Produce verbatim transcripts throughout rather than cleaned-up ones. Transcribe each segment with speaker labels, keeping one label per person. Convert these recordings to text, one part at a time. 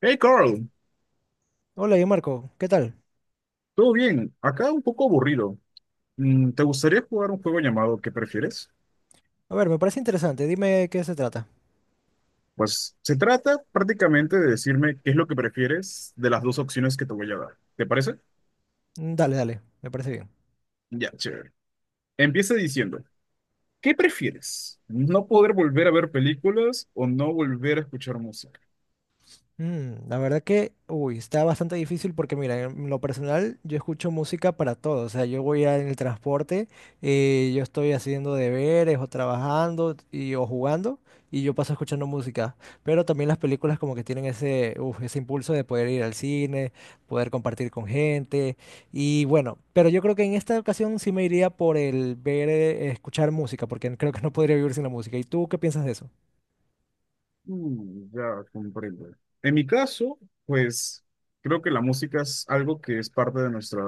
Speaker 1: Hey Carl,
Speaker 2: Hola, yo Marco, ¿qué tal?
Speaker 1: ¿todo bien? Acá un poco aburrido. Mm, ¿Te gustaría jugar un juego llamado ¿Qué prefieres?
Speaker 2: A ver, me parece interesante, dime qué se trata.
Speaker 1: Pues se trata prácticamente de decirme qué es lo que prefieres de las dos opciones que te voy a dar. ¿Te parece?
Speaker 2: Mm, Dale, dale, me parece bien.
Speaker 1: Ya, chévere. Empieza diciendo, ¿qué prefieres? ¿No poder volver a ver películas o no volver a escuchar música?
Speaker 2: Mm, la verdad que, uy, está bastante difícil porque mira, en lo personal yo escucho música para todo, o sea, yo voy a- en el transporte, eh, yo estoy haciendo deberes o trabajando y, o jugando y yo paso escuchando música, pero también las películas como que tienen ese, uf, ese impulso de poder ir al cine, poder compartir con gente y bueno, pero yo creo que en esta ocasión sí me iría por el ver, eh, escuchar música porque creo que no podría vivir sin la música. ¿Y tú qué piensas de eso?
Speaker 1: Mm, ya comprendo. En mi caso, pues creo que la música es algo que es parte de nuestra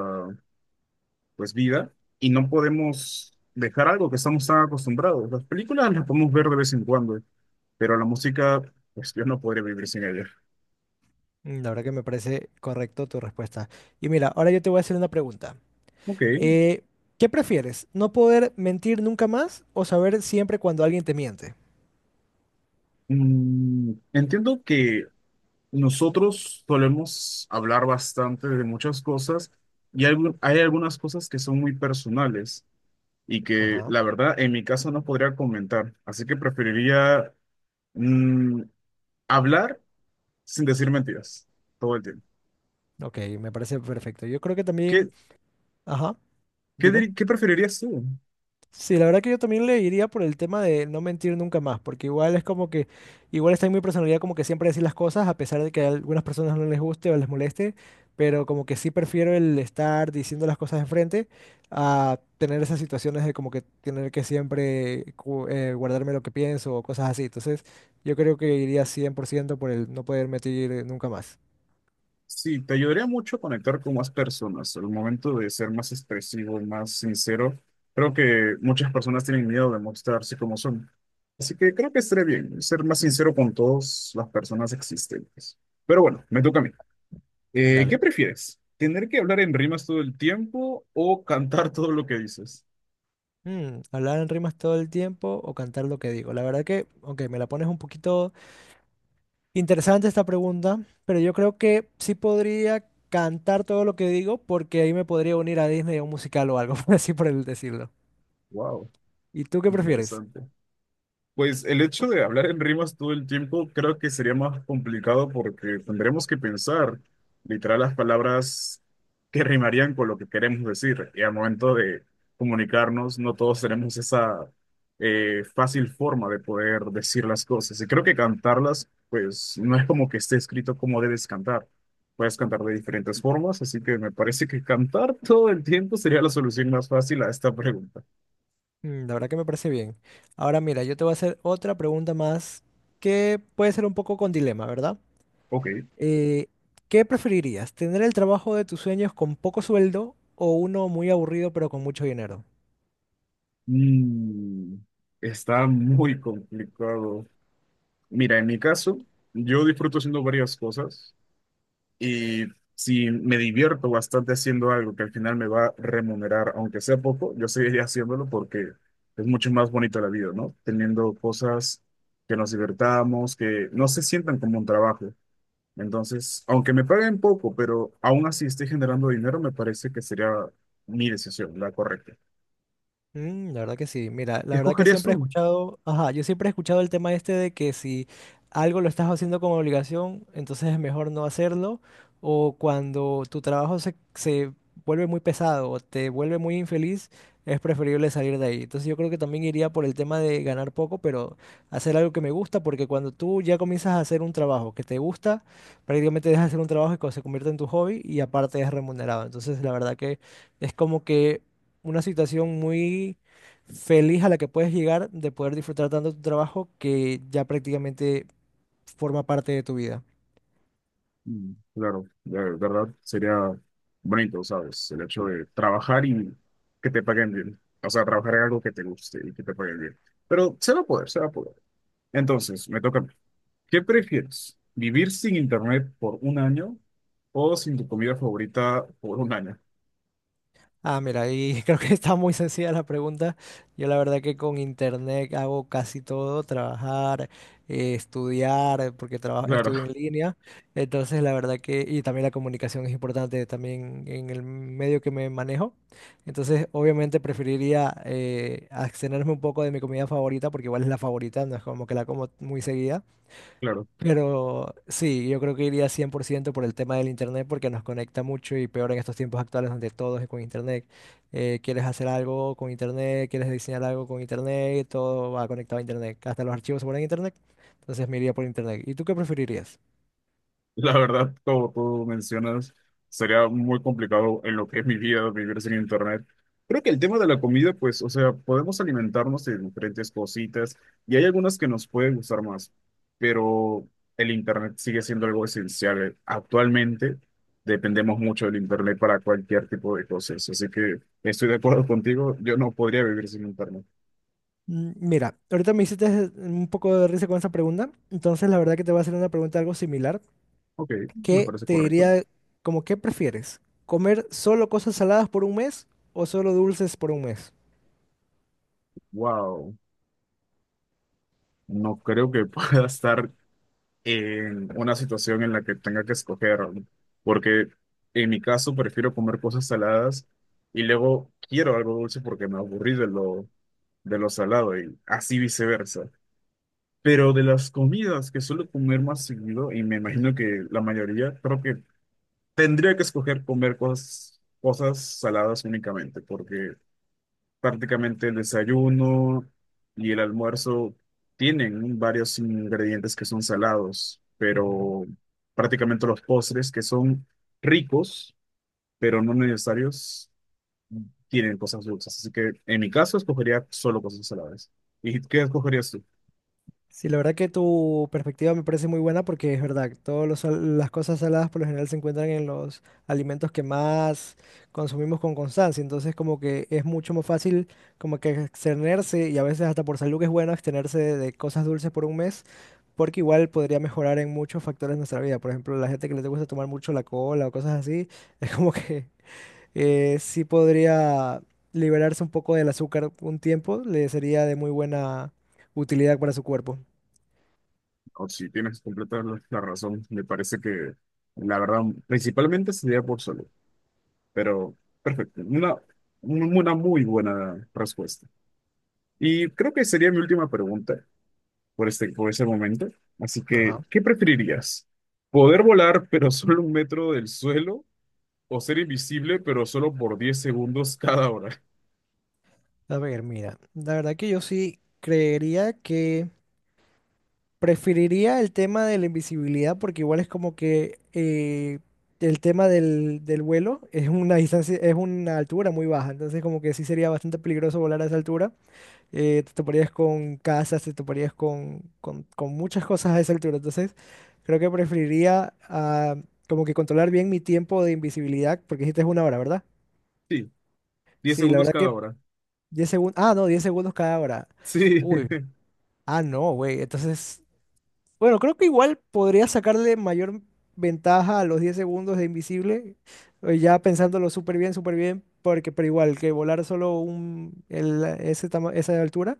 Speaker 1: pues vida y no podemos dejar algo que estamos tan acostumbrados. Las películas las podemos ver de vez en cuando, pero la música, pues yo no podría vivir sin ella.
Speaker 2: Mm, La verdad que me parece correcto tu respuesta. Y mira, ahora yo te voy a hacer una pregunta.
Speaker 1: Ok,
Speaker 2: Eh, ¿Qué prefieres? ¿No poder mentir nunca más o saber siempre cuando alguien te miente?
Speaker 1: mm, entiendo que nosotros solemos hablar bastante de muchas cosas y algu- hay algunas cosas que son muy personales y que
Speaker 2: Ajá.
Speaker 1: la verdad en mi caso no podría comentar, así que preferiría mm, hablar sin decir mentiras todo el tiempo.
Speaker 2: Ok, me parece perfecto. Yo creo que
Speaker 1: ¿Qué,
Speaker 2: también... Ajá,
Speaker 1: qué,
Speaker 2: dime.
Speaker 1: dir- Qué preferirías tú?
Speaker 2: Sí, la verdad que yo también le iría por el tema de no mentir nunca más, porque igual es como que, igual está en mi personalidad como que siempre decir las cosas, a pesar de que a algunas personas no les guste o les moleste, pero como que sí prefiero el estar diciendo las cosas de frente a tener esas situaciones de como que tener que siempre cu- eh, guardarme lo que pienso o cosas así. Entonces, yo creo que iría cien por ciento por el no poder mentir eh, nunca más.
Speaker 1: Sí, te ayudaría mucho a conectar con más personas. Al momento de ser más expresivo, más sincero, creo que muchas personas tienen miedo de mostrarse como son. Así que creo que estaré bien. Ser más sincero con todas las personas existentes. Pero bueno, me toca a mí. Eh, ¿qué
Speaker 2: Dale.
Speaker 1: prefieres? ¿Tener que hablar en rimas todo el tiempo o cantar todo lo que dices?
Speaker 2: Mm, hablar en rimas todo el tiempo o cantar lo que digo. La verdad que, aunque me la pones un poquito... Interesante esta pregunta, pero yo creo que sí podría cantar todo lo que digo porque ahí me podría unir a Disney a un musical o algo, así por el decirlo.
Speaker 1: Wow,
Speaker 2: ¿Y tú qué prefieres?
Speaker 1: interesante. Pues el hecho de hablar en rimas todo el tiempo creo que sería más complicado porque tendremos que pensar literal las palabras que rimarían con lo que queremos decir. Y al momento de comunicarnos, no todos tenemos esa eh, fácil forma de poder decir las cosas. Y creo que cantarlas, pues no es como que esté escrito cómo debes cantar. Puedes cantar de diferentes formas, así que me parece que cantar todo el tiempo sería la solución más fácil a esta pregunta.
Speaker 2: Mm, la verdad que me parece bien. Ahora mira, yo te voy a hacer otra pregunta más que puede ser un poco con dilema, ¿verdad?
Speaker 1: Ok.
Speaker 2: Eh, ¿Qué preferirías? ¿Tener el trabajo de tus sueños con poco sueldo o uno muy aburrido pero con mucho dinero?
Speaker 1: Mm, está muy complicado. Mira, en mi caso, yo disfruto haciendo varias cosas y si me divierto bastante haciendo algo que al final me va a remunerar, aunque sea poco, yo seguiré haciéndolo porque es mucho más bonito la vida, ¿no? Teniendo cosas que nos divertamos, que no se sientan como un trabajo. Entonces, aunque me paguen poco, pero aún así esté generando dinero, me parece que sería mi decisión, la correcta.
Speaker 2: Mm, la verdad que sí. Mira,
Speaker 1: ¿Qué
Speaker 2: la verdad que
Speaker 1: escogerías
Speaker 2: siempre he
Speaker 1: tú?
Speaker 2: escuchado, ajá, yo siempre he escuchado el tema este de que si algo lo estás haciendo como obligación, entonces es mejor no hacerlo, o cuando tu trabajo se, se vuelve muy pesado o te vuelve muy infeliz, es preferible salir de ahí. Entonces yo creo que también iría por el tema de ganar poco, pero hacer algo que me gusta, porque cuando tú ya comienzas a hacer un trabajo que te gusta, prácticamente dejas de hacer un trabajo que se convierte en tu hobby y aparte es remunerado. Entonces la verdad que es como que una situación muy feliz a la que puedes llegar de poder disfrutar tanto tu trabajo que ya prácticamente forma parte de tu vida.
Speaker 1: Mm, claro, de verdad sería bonito, ¿sabes? El hecho de trabajar y que te paguen bien. O sea, trabajar en algo que te guste y que te paguen bien. Pero se va a poder, se va a poder. Entonces, me toca a mí. ¿Qué prefieres? ¿Vivir sin internet por un año o sin tu comida favorita por un año?
Speaker 2: Ah, mira, y creo que está muy sencilla la pregunta. Yo la verdad que con internet hago casi todo, trabajar, eh, estudiar, porque trabajo,
Speaker 1: Claro,
Speaker 2: estudio en línea. Entonces, la verdad que, y también la comunicación es importante también en el medio que me manejo. Entonces, obviamente preferiría eh, abstenerme un poco de mi comida favorita, porque igual es la favorita, no es como que la como muy seguida,
Speaker 1: claro.
Speaker 2: pero sí, yo creo que iría cien por ciento por el tema del internet porque nos conecta mucho y peor en estos tiempos actuales donde todo es con internet. Eh, quieres hacer algo con internet, quieres diseñar algo con internet, todo va conectado a internet. Hasta los archivos se ponen en internet. Entonces me iría por internet. ¿Y tú qué preferirías?
Speaker 1: La verdad, como tú mencionas, sería muy complicado en lo que es mi vida vivir sin internet. Creo que el tema de la comida, pues, o sea, podemos alimentarnos de diferentes cositas y hay algunas que nos pueden gustar más, pero el internet sigue siendo algo esencial. Actualmente dependemos mucho del internet para cualquier tipo de cosas, así que estoy de acuerdo contigo, yo no podría vivir sin internet.
Speaker 2: Mm, Mira, ahorita me hiciste un poco de risa con esa pregunta. Entonces la verdad que te voy a hacer una pregunta algo similar
Speaker 1: Ok, me
Speaker 2: que
Speaker 1: parece
Speaker 2: te
Speaker 1: correcto.
Speaker 2: diría como, ¿qué prefieres? ¿Comer solo cosas saladas por un mes o solo dulces por un mes?
Speaker 1: Wow, no creo que pueda estar en una situación en la que tenga que escoger, ¿no? Porque en mi caso prefiero comer cosas saladas y luego quiero algo dulce porque me aburrí de lo, de lo salado y así viceversa. Pero de las comidas que suelo comer más seguido, y me imagino que la mayoría, creo que tendría que escoger comer cosas, cosas saladas únicamente, porque prácticamente el desayuno y el almuerzo tienen varios ingredientes que son salados,
Speaker 2: Ujú.
Speaker 1: pero prácticamente los postres que son ricos, pero no necesarios, tienen cosas dulces. Así que en mi caso escogería solo cosas saladas. ¿Y qué escogerías tú?
Speaker 2: Sí, la verdad que tu perspectiva me parece muy buena porque es verdad, todas las cosas saladas por lo general se encuentran en los alimentos que más consumimos con constancia, entonces como que es mucho más fácil como que abstenerse y a veces hasta por salud que es bueno abstenerse de, de cosas dulces por un mes porque igual podría mejorar en muchos factores de nuestra vida, por ejemplo, la gente que le gusta tomar mucho la cola o cosas así, es como que eh, sí podría liberarse un poco del azúcar un tiempo, le sería de muy buena utilidad para su cuerpo.
Speaker 1: O si tienes completa la la razón, me parece que la verdad principalmente sería por solo, pero perfecto, una, una muy buena respuesta. Y creo que sería mi última pregunta. Por este, por ese momento. Así que,
Speaker 2: Ajá.
Speaker 1: ¿qué preferirías? ¿Poder volar pero solo un metro del suelo o ser invisible pero solo por diez segundos cada hora?
Speaker 2: A ver, mira, la verdad que yo sí creería que preferiría el tema de la invisibilidad porque igual es como que eh, el tema del, del vuelo es una distancia, es una altura muy baja, entonces como que sí sería bastante peligroso volar a esa altura. Eh, te toparías con casas, te toparías con, con, con muchas cosas a esa altura, entonces creo que preferiría ah, como que controlar bien mi tiempo de invisibilidad porque dijiste es una hora, ¿verdad?
Speaker 1: Sí, diez
Speaker 2: Sí, la
Speaker 1: segundos
Speaker 2: verdad
Speaker 1: cada
Speaker 2: que
Speaker 1: hora.
Speaker 2: diez segundos. Ah, no, diez segundos cada hora.
Speaker 1: Sí,
Speaker 2: Uy. Ah, no, güey. Entonces, bueno, creo que igual podría sacarle mayor ventaja a los diez segundos de invisible. eh, Ya pensándolo súper bien, súper bien. Porque, pero igual, que volar solo un, el- ese tama- esa altura,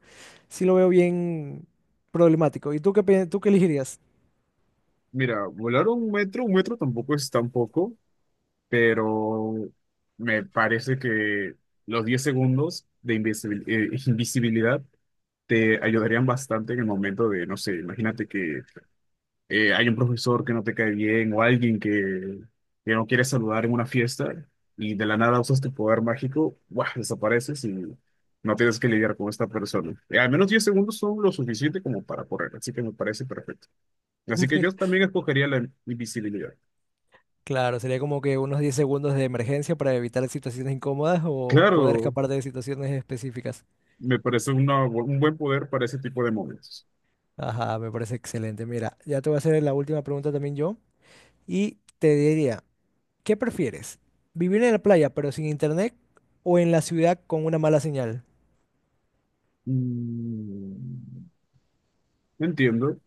Speaker 2: sí lo veo bien problemático. ¿Y tú qué, pi- tú qué elegirías?
Speaker 1: mira, volar un metro, un metro tampoco es tan poco, pero me parece que los diez segundos de invisibil- eh, invisibilidad te ayudarían bastante en el momento de, no sé, imagínate que eh, hay un profesor que no te cae bien o alguien que, que no quiere saludar en una fiesta y de la nada usas tu poder mágico, ¡buah! Desapareces y no tienes que lidiar con esta persona. Eh, al menos diez segundos son lo suficiente como para correr, así que me parece perfecto. Así que yo también escogería la invisibilidad.
Speaker 2: Claro, sería como que unos diez segundos de emergencia para evitar situaciones incómodas o poder
Speaker 1: Claro,
Speaker 2: escapar de situaciones específicas.
Speaker 1: me parece una bu- un buen poder para ese tipo de momentos.
Speaker 2: Ajá, me parece excelente. Mira, ya te voy a hacer la última pregunta también yo. Y te diría, ¿qué prefieres? ¿Vivir en la playa pero sin internet o en la ciudad con una mala señal?
Speaker 1: Mm, entiendo.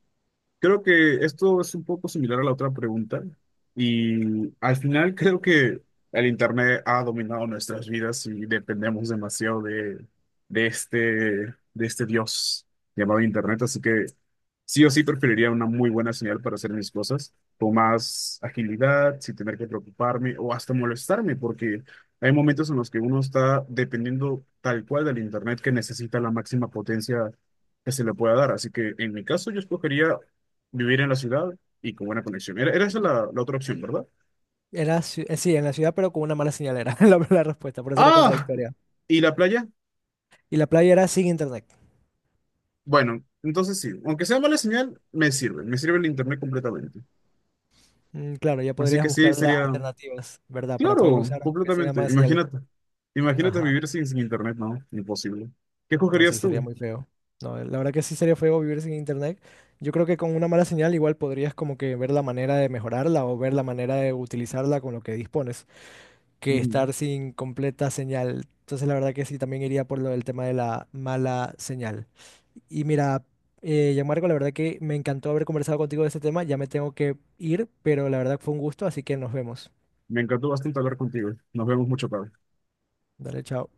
Speaker 1: Creo que esto es un poco similar a la otra pregunta y al final creo que el internet ha dominado nuestras vidas y dependemos demasiado de, de este, de este Dios llamado internet, así que sí o sí preferiría una muy buena señal para hacer mis cosas con más agilidad, sin tener que preocuparme o hasta molestarme, porque hay momentos en los que uno está dependiendo tal cual del internet que necesita la máxima potencia que se le pueda dar. Así que en mi caso yo escogería vivir en la ciudad y con buena conexión. Era, era esa la, la otra opción, ¿verdad?
Speaker 2: Era, ci- eh, sí, en la ciudad pero con una mala señal era la, la respuesta, por eso era
Speaker 1: ¡Ah!
Speaker 2: contradictoria.
Speaker 1: ¿Y la playa?
Speaker 2: Y la playa era sin internet.
Speaker 1: Bueno, entonces sí. Aunque sea mala señal, me sirve. Me sirve el internet completamente.
Speaker 2: Mm, claro, ya
Speaker 1: Así
Speaker 2: podrías
Speaker 1: que sí,
Speaker 2: buscar las
Speaker 1: sería...
Speaker 2: alternativas, ¿verdad? Para poder
Speaker 1: Claro,
Speaker 2: usar aunque tenga
Speaker 1: completamente.
Speaker 2: mala señal.
Speaker 1: Imagínate. Imagínate
Speaker 2: Ajá.
Speaker 1: vivir sin, sin internet, no. Imposible. ¿Qué
Speaker 2: No,
Speaker 1: escogerías
Speaker 2: sí, sería
Speaker 1: tú?
Speaker 2: muy feo. No, eh, la verdad que sí sería feo vivir sin internet. Yo creo que con una mala señal igual podrías como que ver la manera de mejorarla o ver la manera de utilizarla con lo que dispones, que
Speaker 1: Ujú.
Speaker 2: estar sin completa señal. Entonces la verdad que sí, también iría por lo del tema de la mala señal. Y mira, eh, Gianmarco, la verdad que me encantó haber conversado contigo de este tema. Ya me tengo que ir, pero la verdad fue un gusto, así que nos vemos.
Speaker 1: Me encantó bastante hablar contigo. Nos vemos mucho, tarde.
Speaker 2: Dale, chao.